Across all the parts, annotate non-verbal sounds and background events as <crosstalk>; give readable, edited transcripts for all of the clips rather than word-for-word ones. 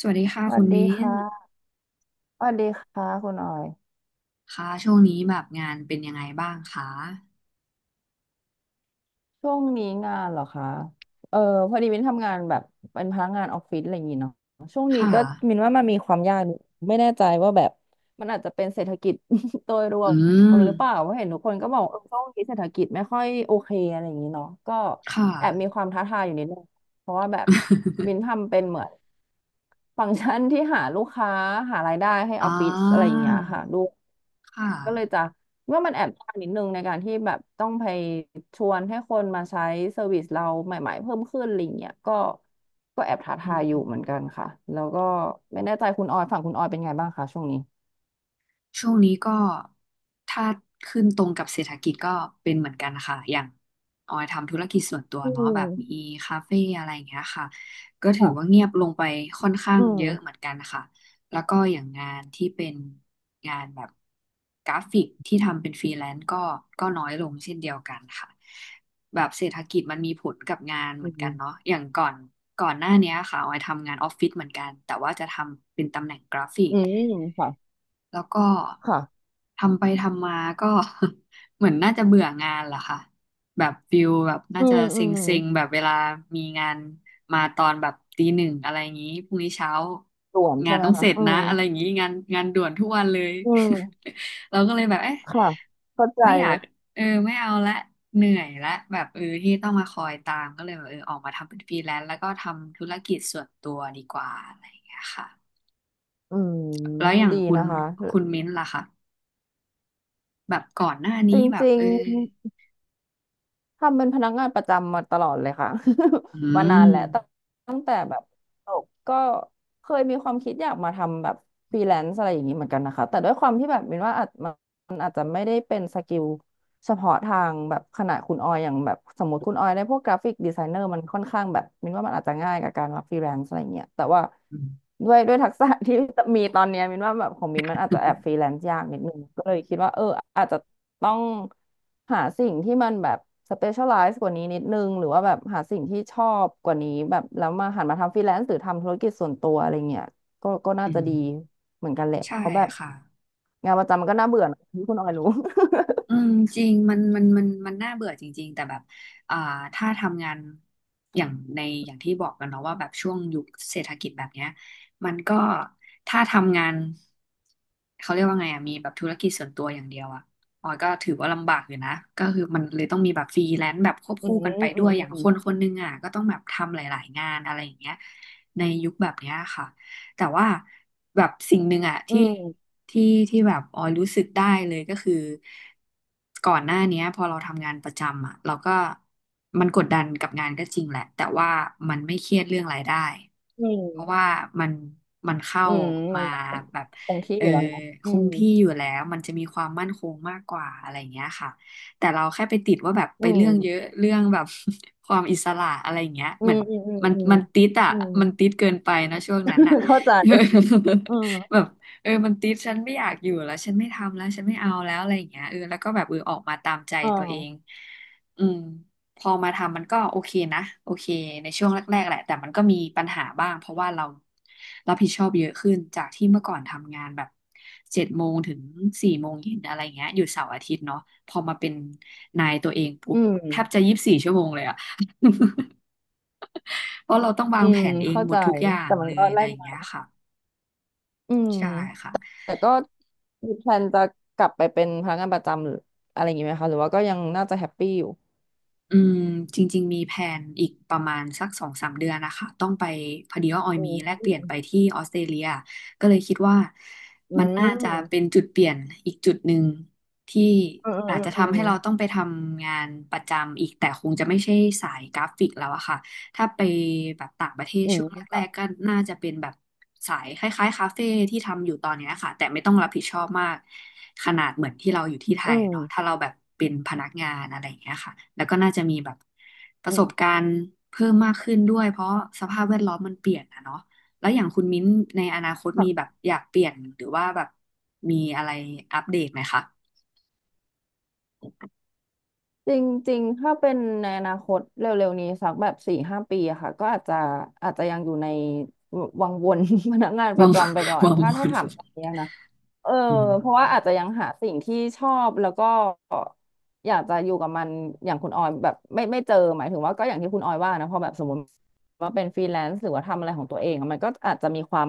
สวัสดีค่ะสวัคุสณดีมิ้นค่ะสวัสดีค่ะคุณออยค่ะช่วงนี้แบบงานเป็นยังไงบ้างคะช่วงนี้งานเหรอคะเออพอดีมินทำงานแบบเป็นพนักงานออฟฟิศอะไรอย่างงี้เนาะช่วงนี้ค่ะ ก็มินว่ามันมีความยากอยู่ไม่แน่ใจว่าแบบมันอาจจะเป็นเศรษฐกิจ <laughs> โดยรวอืมม หรือเปล่าเพราะเห็นทุกคนก็บอกเออช่วงนี้เศรษฐกิจไม่ค่อยโอเคอะไรอย่างงี้เนาะก็ค่ะ แอบมีความท้าทายอยู่นิดนึง เพราะว่าแบบมิน <laughs> ทำเป็นเหมือนฟังก์ชันที่หาลูกค้าหารายได้ให้ออ่อฟฟิศอะไรอย่างาเงี้ยค่ะค่ะ ก็เลยจะว่ามันแอบยากนิดนึงในการที่แบบต้องไปชวนให้คนมาใช้เซอร์วิสเราใหม่ๆเพิ่มขึ้นอะไรอย่างเงี้ยก็แอบท้าอืทายอยู่เหม มือนกันค่ะแล้วก็ไม่แน่ใจคุณออยฝั่งคุณออยเป็นไงบ้างคะช่วงนี้ช่วงนี้ก็ถ้าขึ้นตรงกับเศรษฐกิจก็เป็นเหมือนกันค่ะอย่างออยทำธุรกิจส่วนตัวอืเนาะแบบมีมคาเฟ่อะไรอย่างเงี้ยค่ะก็ถือว่าค่ะเงียบลงไปค่อนข้าอืงเยอะเหมือมนกันค่ะแล้วก็อย่างงานที่เป็นงานแบบกราฟิกที่ทำเป็นฟรีแลนซ์ก็น้อยลงเช่นเดียวกันค่ะแบบเศรษฐกิจมันมีผลกับงานเหอืมือนกันมเนาะอย่างก่อนหน้าเนี้ยค่ะออยทำงานออฟฟิศเหมือนกันแต่ว่าจะทำเป็นตำแหน่งกราฟิก อืมค่ะแล้วก็ค่ะทำไปทำมาก็ <laughs> เหมือนน่าจะเบื่องานแหละค่ะแบบฟิลแบบน่าอืจะมอืเซม็งๆแบบเวลามีงานมาตอนแบบตี 1อะไรอย่างนี้พรุ่งนี้เช้าส่วนงาใช่นไหมต้องเสคะร็จอืนะมอะไรอย่างนี้งานด่วนทุกวันเลย อืม <laughs> เราก็เลยแบบเอ๊ะค่ะเข้าใจไม่อยาเลกย ไม่เอาละเหนื่อยละแบบที่ต้องมาคอยตามก็เลยแบบออกมาทำเป็นฟรีแลนซ์แล้วก็ทำธุรกิจส่วนตัวดีกว่าอะไรอย่างเงี้ยค่ะอืมแล้วอย่างดีคุณนะคะมิ้นท์ล่ะคะ แบบก่อนหน้านี้แบจบริงๆทำเป็นพนักงานประจำมาตลอดเลยค่ะ อื <laughs> มานานมแหละตั้งแต่แบบจบก็เคยมีความคิดอยากมาทำแบบฟรีแลนซ์อะไรอย่างนี้เหมือนกันนะคะแต่ด้วยความที่แบบมินว่าอาจมันอาจจะไม่ได้เป็นสกิล เฉพาะทางแบบขนาดคุณออยอย่างแบบสมมติคุณออยได้พวกกราฟิกดีไซเนอร์มันค่อนข้างแบบมินว่ามันอาจจะง่ายกับการมาฟรีแลนซ์อะไรเงี้ยแต่ว่าอืมด้วย <laughs> ด้วยทักษะที่มีตอนเนี้ยมินว่าแบบของมินมันอาจจะแอบฟรีแลนซ์ยากนิดนึงก็เลยคิดว่าอาจจะต้องหาสิ่งที่มันแบบสเปเชียลไลซ์กว่านี้นิดนึงหรือว่าแบบหาสิ่งที่ชอบกว่านี้แบบแล้วมาหันมาทำฟรีแลนซ์หรือทำธุรกิจส่วนตัวอะไรเงี้ยก็น่าอืจะมดีเหมือนกันแหละใช่เพราะแบบค่ะงานประจำมันก็น่าเบื่อนะที่คุณออยรู้ อืมจริงมันน่าเบื่อจริงๆแต่แบบอ่าถ้าทำงานอย่างในอย่างที่บอกกันเนาะว่าแบบช่วงยุคเศรษฐกิจแบบเนี้ยมันก็ถ้าทำงานเขาเรียกว่าไงอะมีแบบธุรกิจส่วนตัวอย่างเดียวอะออยก็ถือว่าลำบากอยู่นะก็คือมันเลยต้องมีแบบฟรีแลนซ์แบบควบอืคู่กันไปมอืด้วยมอย่างคนคนหนึงอะก็ต้องแบบทำหลายๆงานอะไรอย่างเงี้ยในยุคแบบเนี้ยค่ะ แต่ว่าแบบสิ่งหนึ่งอะอืที่มที่แบบออยรู้สึกได้เลยก็คือก่อนหน้าเนี้ยพอเราทำงานประจำอะเราก็มันกดดันกับงานก็จริงแหละแต่ว่ามันไม่เครียดเรื่องรายได้อืมเพราะว่ามันเข้าอืมมัมานก็แบบคงที่เอออยู่แล้วนะคอืงมที่อยู่แล้วมันจะมีความมั่นคงมากกว่าอะไรอย่างเงี้ยค่ะแต่เราแค่ไปติดว่าแบบไปอืเรื่มองเยอะเรื่องแบบ <laughs> ความอิสระอะไรอย่างเงี้ยอืเหมือมนอืมอืมมันอืมติดอ่ะอืม มันติดเกินไปนะช่วงนั้นอ่ะ <laughs> เข้าใจอืม <laughs> แบบมันติดฉันไม่อยากอยู่แล้วฉันไม่ทำแล้วฉันไม่เอาแล้วอะไรอย่างเงี้ยแล้วก็แบบออกมาตามใจอ่าตัวเองอืมพอมาทำมันก็โอเคนะโอเคในช่วงแรกๆแหละแต่มันก็มีปัญหาบ้างเพราะว่าเรารับผิดชอบเยอะขึ้นจากที่เมื่อก่อนทำงานแบบ7 โมงถึง 4 โมงเย็นอะไรเงี้ยอยู่เสาร์อาทิตย์เนาะพอมาเป็นนายตัวเองปุ๊อืบมแทบจะ24 ชั่วโมงเลยอะ <laughs> เพราะเราต้องวาอืงแผมนเองเข้าหมใจ ดทุกอย่างแต่มัเลนยก็อะแลไรอกย่างมาเงี้ยค่ะ อืมใช่ค่ะแต่ก็มีแพลนจะกลับไปเป็นพนักงานประจำหรืออะไรอย่างงี้ไหมคะ หรือว่าก็ยังน่าจะแฮปปี้อยู่อืมจริงๆ มีแผนอีกประมาณสัก2-3 เดือนนะคะ ต้องไปพอดีว่าออยอืมีมแลกอืเปลี่ยนมไปที่ออสเตรเลียก็เลยคิดว่ามันน่าจะเป็นจุดเปลี่ยนอีกจุดหนึ่งที่อืมอาอืจมจะอืทำมให้เราต้องไปทำงานประจำอีกแต่คงจะไม่ใช่สายกราฟิกแล้วอะค่ะ ถ้าไปแบบต่างประเทศอืช่มวงอืแรมกๆค่ะก็น่าจะเป็นแบบสายคล้ายๆคาเฟ่ที่ทำอยู่ตอนเนี้ยค่ะแต่ไม่ต้องรับผิดชอบมากขนาดเหมือนที่เราอยู่ที่ไทอืยมเนาะถ้าเราแบบเป็นพนักงานอะไรอย่างเงี้ยค่ะแล้วก็น่าจะมีแบบประอืสบกาม รณ์เพิ่มมากขึ้นด้วยเพราะสภาพแวดล้อมมันเปลี่ยนอะเนาะแล้วอย่างคุณมิ้นในอนาคตมีแบบอยากเปลี่ยนหรือว่าแบบมีอะไรอัปเดตไหมคะจริงๆ ถ้าเป็นในอนาคตเร็วๆนี้สักแบบสี่ห้าปีอะค่ะก็อาจจะยังอยู่ในวังวน <laughs> พนักงานปวาระง จำไปก่อ <laughs> นวางบถ้านถามตอนนี้นะ เอออืมเพราะว่าอาจจะยังหาสิ่งที่ชอบแล้วก็อยากจะอยู่กับมันอย่างคุณออยแบบไม่เจอหมายถึงว่าก็อย่างที่คุณออยว่านะพอแบบสมมติว่าเป็นฟรีแลนซ์หรือว่าทำอะไรของตัวเองอะมันก็อาจจะมีความ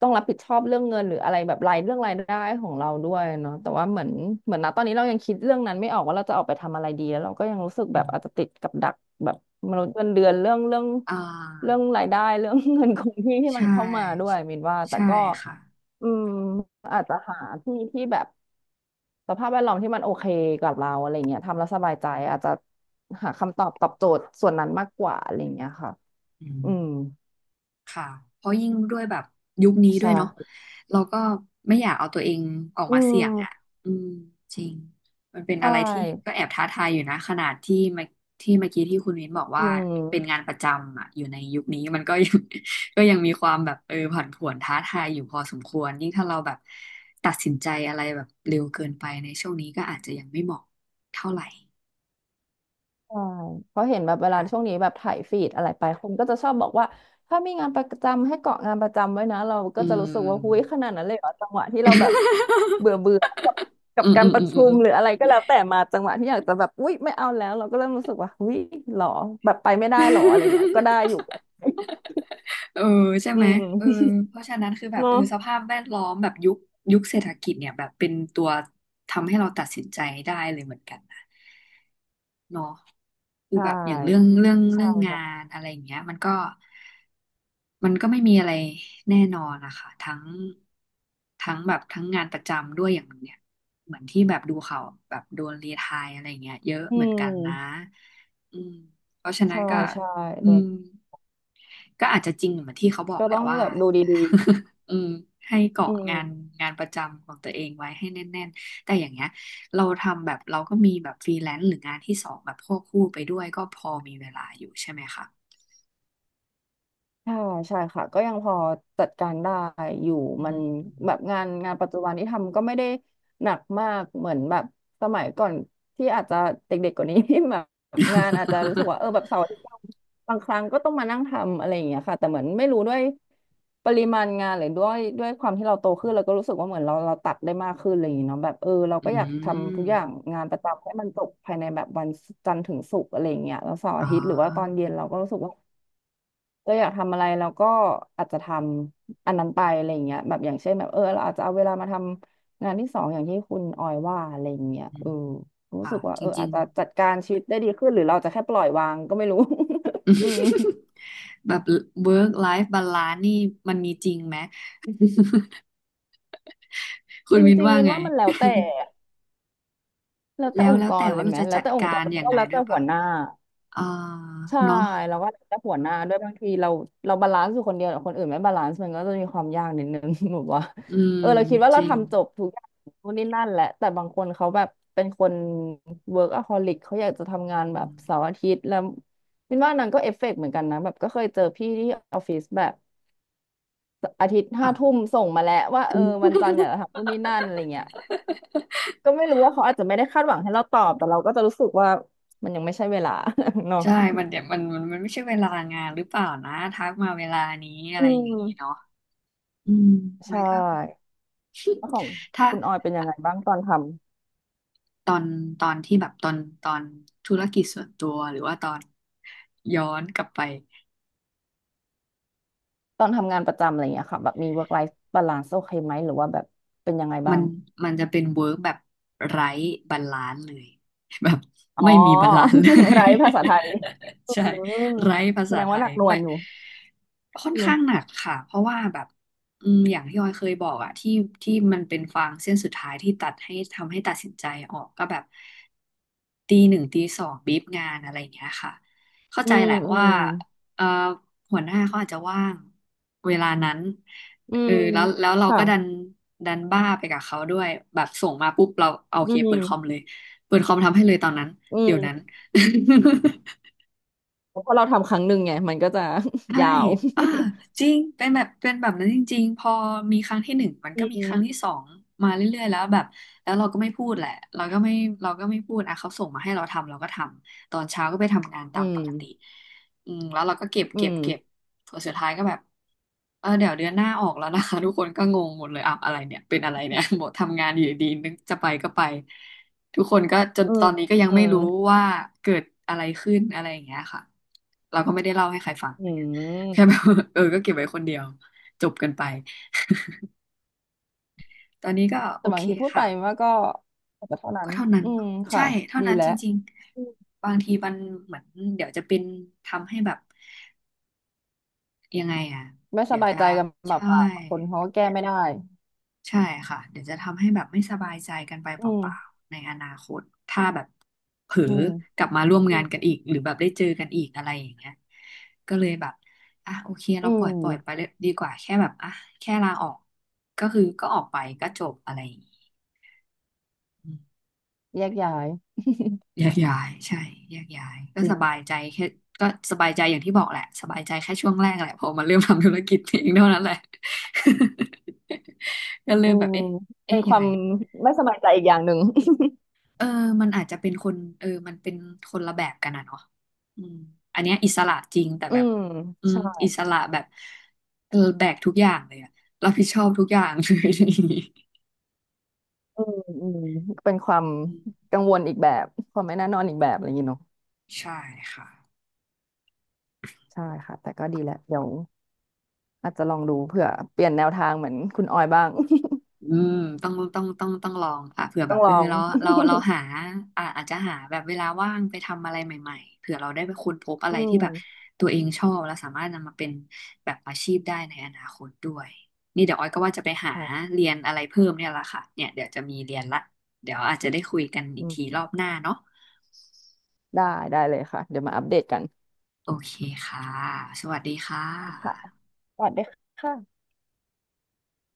ต้องรับผิดชอบเรื่องเงินหรืออะไรแบบรายเรื่องรายได้ของเราด้วยเนาะแต่ว่าเหมือนนะตอนนี้เรายังคิดเรื่องนั้นไม่ออกว่าเราจะออกไปทำอะไรดีแล้วเราก็ยังรู้สึกอืแบบอาจจะมติดกับดักแบบมนุษย์เงินเดือนเรื่องเรื่องอ่เรื่องา รายได้เรื่อง <laughs> เงินคงที่ที่มันใช่เข้ามาด้วยมินว่าแต่ใช่ก็ ค่ะอืมอาจจะหาที่ที่แบบสภาพแวดล้อมที่มันโอเคกับเราอะไรเงี้ยทำแล้วสบายใจอาจจะหาคำตอบตอบโจทย์ส่วนนั้นมากกว่าอะไรเงี้ยค่ะอืมอืมค่ะเพราะยิ่งด้วยแบบยุคนี้ด้วใช่ยเนาะเราก็ไม่อยากเอาตัวเองออกอืมาเสี่ยงอ่ะมอืมจริงมันเป็นใชอะไรที่ก็่แอบท้าทายอยู่นะขนาดที่เมื่อกี้ที่คุณวินบอกอืว่าเป็นม งานประจำอ่ะอยู่ในยุคนี้มันก็ยัง <laughs> ก็ยังมีความแบบผันผวนท้าทายอยู่พอสมควรยิ่งถ้าเราแบบตัดสินใจอะไรแบบเร็วเกินไปในช่วงนี้ก็อาจจะยังไม่เหมาะเท่าไหร่ใช่เพราะเห็นแบบเวลาค่ะช่วงนี้แบบถ่ายฟีดอะไรไปคนก็จะชอบบอกว่าถ้ามีงานประจำให้เกาะงานประจำไว้นะเราก็อืจะม รู้สึกว่าหุ้ยขนาดนั้นเลยเหรอจังหวะที่เราแบบเบื่อ <laughs> เบื่อกับอืมกาอืรมปอืระมอืชุมมอืม หรืออะไรก็แล้วแต่มาจังหวะที่อยากจะแบบอุ๊ยไม่เอาแล้วเราก็เริ่มรู้สึกว่าหุ้ยหรอแบบไปไม่ได้หรออะไรเงี้ยก็ได้ <laughs> อยู่เออใช่อืไหมเออมเพราะฉะนั้นคือแบบเนาะสภาพแวดล้อมแบบยุคเศรษฐกิจเนี่ยแบบเป็นตัวทำให้เราตัดสินใจได้เลยเหมือนกันนะเนาะคืใชอแบบอย่างเรื่อง่เรื่องใช่เรื่องงาค่ะนอะไรอย่างเงี้ยมันก็ไม่มีอะไรแน่นอนนะคะทั้งทั้งแบบทั้งงานประจำด้วยอย่างเนี่ยเหมือนที่แบบดูข่าวแบบโดนรีไทร์อะไรอย่างเงี้ยเยอะอืเหมือนกันนะมอืมเพราะฉะนั้นใช่ก็ใช่อืโดม นก็อาจจะจริงเหมือนที่เขาบอกก็แหต้ละองว่า แบบดูดี <laughs> อืมให้ๆอืเกาะม งานประจำของตัวเองไว้ให้แน่นๆแต่อย่างเงี้ยเราทำแบบเราก็มีแบบฟรีแลนซ์หรืองานที่สองแบบควบคู่ไปด้วยก็พอมีเวลาอยู่ใช่ไหมคะใช่ใช่ค่ะก็ยังพอจัดการได้อยู่อืมันม แบบงานงานปัจจุบันที่ทำก็ไม่ได้หนักมากเหมือนแบบสมัยก่อนที่อาจจะเด็กๆกว่านี้ <laughs> ที่แบบงานอาจจะรู้สึกว่าเออ <laughs> แบบเสาร์อาทิตย์บางครั้งก็ต้องมานั่งทำอะไรอย่างเงี้ยค่ะแต่เหมือนไม่รู้ด้วยปริมาณงานหรือด้วยความที่เราโตขึ้นเราก็รู้สึกว่าเหมือนเราตัดได้มากขึ้นอะไรอย่างเงี้ยเนาะแบบเออเราอืก็อยากทำทุกอย่างมงานประจำให้มันจบภายในแบบวันจันทร์ถึงศุกร์อะไรอย่างเงี้ยแล้วเสาร์อ๋อาทิตย์หรือว่าตอนอเย็นเราก็รู้สึกว่า เราอยากทำอะไรเราก็อาจจะทำอันนั้นไปอะไรอย่างเงี้ยแบบอย่างเช่นแบบเออเราอาจจะเอาเวลามาทำงานที่สองอย่างที่คุณออยว่าอะไรอย่างเงี้ยอืเอมอรู้ค่ะสึกว่าจเออริอาจงจะจัดการชีวิตได้ดีขึ้นหรือเราจะแค่ปล่อยวางก็ไม่รู้ <laughs> อืมๆ <laughs> แบบ work life balance นี่มันมีจริงไหมคุจณรวินิงว่าๆมินไง ว่ามันแล้ว <laughs> แต่แล้วแล้แต่วองแล้ค์กวแต่รเลว่ายเราไหมจะแล้วจัดแต่องกาค์กรรแล้วยัก็งไงแล้วด้แต่วยหัปะวหน้า อ่าใช่เนาะ แล้วก็จะหัวหน้าด้วยบางทีเราบาลานซ์อยู่คนเดียวแต่คนอื่นไม่บาลานซ์มันก็จะมีความยากนิดนึง <laughs> แบบว่าอืมเออเราคิดว่าจเราริงทำจบทุกอย่างนู่นนี่นั่นแหละแต่บางคนเขาแบบเป็นคน workaholic เขาอยากจะทำงานอืแบบเสามร์อาทิตย์แล้วมินว่านางก็เอฟเฟกต์เหมือนกันนะแบบก็เคยเจอพี่ที่ออฟฟิศแบบอาทิตย์ห้าค่ะ ทุ่มส่งมาแล้วว่าเออวัน <laughs> จันทร์อยากจะทำนู่นนี่นั่นอะไรเงี้ยก็ไม่รู้ว่าเขาอาจจะไม่ได้คาดหวังให้เราตอบแต่เราก็จะรู้สึกว่ามันยังไม่ใช่เวลา <laughs> เนาะใช่มันเดี๋ยวมันไม่ใช่เวลางานหรือเปล่านะทักมาเวลานี้อะอืไรอย่างนี้เนาะม อืม <laughs> ใชมันก็ ่ แล้วของ <laughs> ถ้าคุณออยเป็นยังไงบ้างตอนทำตอนตอนที่แบบตอนตอนธุรกิจส่วนตัวหรือว่าตอนย้อนกลับไปตอนทำงานประจำอะไรอย่างเงี้ยค่ะแบบมี work life balance โอเคไหมหรือว่าแบบเป็นยังไงบ้ามันงมันจะเป็นเวิร์กแบบไร้บาลานซ์เลย <laughs> แบบอ๋อ ไม่มีบาลานซ์เล <laughs> ย ไรภาษาไทย <laughs> อืใช่มไร้ภาแสษาดงไทว่าหนัยกหน่วไม่ งอยู่ค่อนอืข้างหมนักค่ะเพราะว่าแบบอืมอย่างที่ออยเคยบอกอะที่มันเป็นฟางเส้นสุดท้ายที่ตัดให้ทำให้ตัดสินใจออกก็แบบตีหนึ่งตีสองบีบงานอะไรอย่างเงี้ยค่ะเข้าอืใจมแหละอืว่ามเอ่อหัวหน้าเขาอาจจะว่างเวลานั้นอืเออมแล้วเราค่ะก็ดันบ้าไปกับเขาด้วยแบบส่งมาปุ๊บเราเอาโออืเคเปิดคอมเลมยเปิดคอมทำให้เลยตอนนั้นอืเดี๋ยวนั้น มเพราะเราทำครั้งหนึ่งไงมันก็จะ ใช่ <laughs> ยาว อ่า <laughs> จริงเป็นแบบเป็นแบบนั้นจริงๆพอมีครั้งที่หนึ่ง มันอืก็มีครั้งมที่สองมาเรื่อยๆแล้วแบบ แล้วเราก็ไม่พูดแหละ เราก็ไม่เราก็ไม่พูดอ่ะเขาส่งมาให้เราทำ เราก็ทำ ตอนเช้าก็ไปทำงานอืตามปมกติอืมแล้วเราก็เก็บอืเก็บเก็บ มส่วนสุดท้ายก็แบบเออเดี๋ยวเดือนหน้าออกแล้วนะคะ <laughs> ทุกคนก็งงหมดเลยอ้าอะไรเนี่ยเป็นอะไรเนี่ย <laughs> บอกทำงานอยู่ดีนึกจะไปก็ไปทุกคนก็จนอืตมอนนี้ก็ยังอืไม่มรู้ว่าเกิดอะไรขึ้นอะไรอย่างเงี้ยค่ะเราก็ไม่ได้เล่าให้ใครฟัง อื <laughs> แค่แบมบ <laughs> เออก็เก็บไว้คนเดียวจบกันไปตอนนี้ก็แต่โอบาเคงทีพูดไปค่ะว่าก็แต่เท่านั้ก็นเท่านั้นอืมเนาะใช่ค่ะเท่าดีนั้นแล้จว ริงๆบางทีมันเหมือนเดี๋ยวจะเป็นทำให้แบบยังไงอ่ะไม่สเดี๋ยวบายจะใจกันแบบใช่ ปากบางคนเขาก็แก้ไม่ได้ใช่ค่ะเดี๋ยวจะทำให้แบบไม่สบายใจกันไปอืเปล่ามๆในอนาคตถ้าแบบเผลออืมกลับมาร่วมอืงานมกันอีกหรือแบบได้เจอกันอีกอะไรอย่างเงี้ยก็เลยแบบอ่ะโอเคอืเราปล่อยไปมเลยดีกว่าแค่แบบอ่ะแค่ลาออกก็คือก็ออกไปก็จบอะไรอย่างงี้อืมแยกย้ายแยกย้ายใช่แยกย้ายก็จริสงบายใจค่ะแค่ก็สบายใจอย่างที่บอกแหละสบายใจแค่ช่วงแรกแหละพอมาเริ่มทำธุรกิจเองเท่านั้นแหละ <laughs> ก็เริ่อืมแบบมเอ๊ะเป็เอ๊ะนคยังวาไง มไม่สบายใจอีกอย่างหนึ่ง <laughs> เออมันอาจจะเป็นคนเออมันเป็นคนละแบบกันนะเนาะอืมอันเนี้ยอิสระจริงแต่อืแบบมอืมใช่อิสระแบบเออแบกทุกอย่างเลยอะรับผิดชอบทุกอย่างเลย อืมอืมเป็นความ <laughs> อืมกังวลอีกแบบความไม่แน่นอนอีกแบบอะไรอย่างนี้เนาะใช่ค่ะ ใช่ค่ะแต่ก็ดีแหละเดี๋ยวอาจจะลองดูเผื่อเปลี่ยนแนวทางเหมือนคุณออยบ้าง อืมต้องลองค่ะเผื่อ <laughs> แบต้อบงลเออองเราหาอ่าอาจจะหาแบบเวลาว่างไปทำอะไรใหม่ๆเผื่อเราได้ไปค้นพบอะอืไรที่มแบบตัวเองชอบแล้วสามารถนำมาเป็นแบบอาชีพได้ในอนาคตด้วยนี่เดี๋ยวออยก็ว่าจะไปหาค่ะเรียนอะไรเพิ่มเนี่ยละค่ะเนี่ยเดี๋ยวจะมีเรียนละเดี๋ยวอาจจะได้คุยกันอีอืกทีรมอบหน้าเนาะได้ได้เลยค่ะ เดี๋ยวมาอัปเดตกันโอเคค่ะสวัสดีค่ค่ะะสวัสดีค่ะ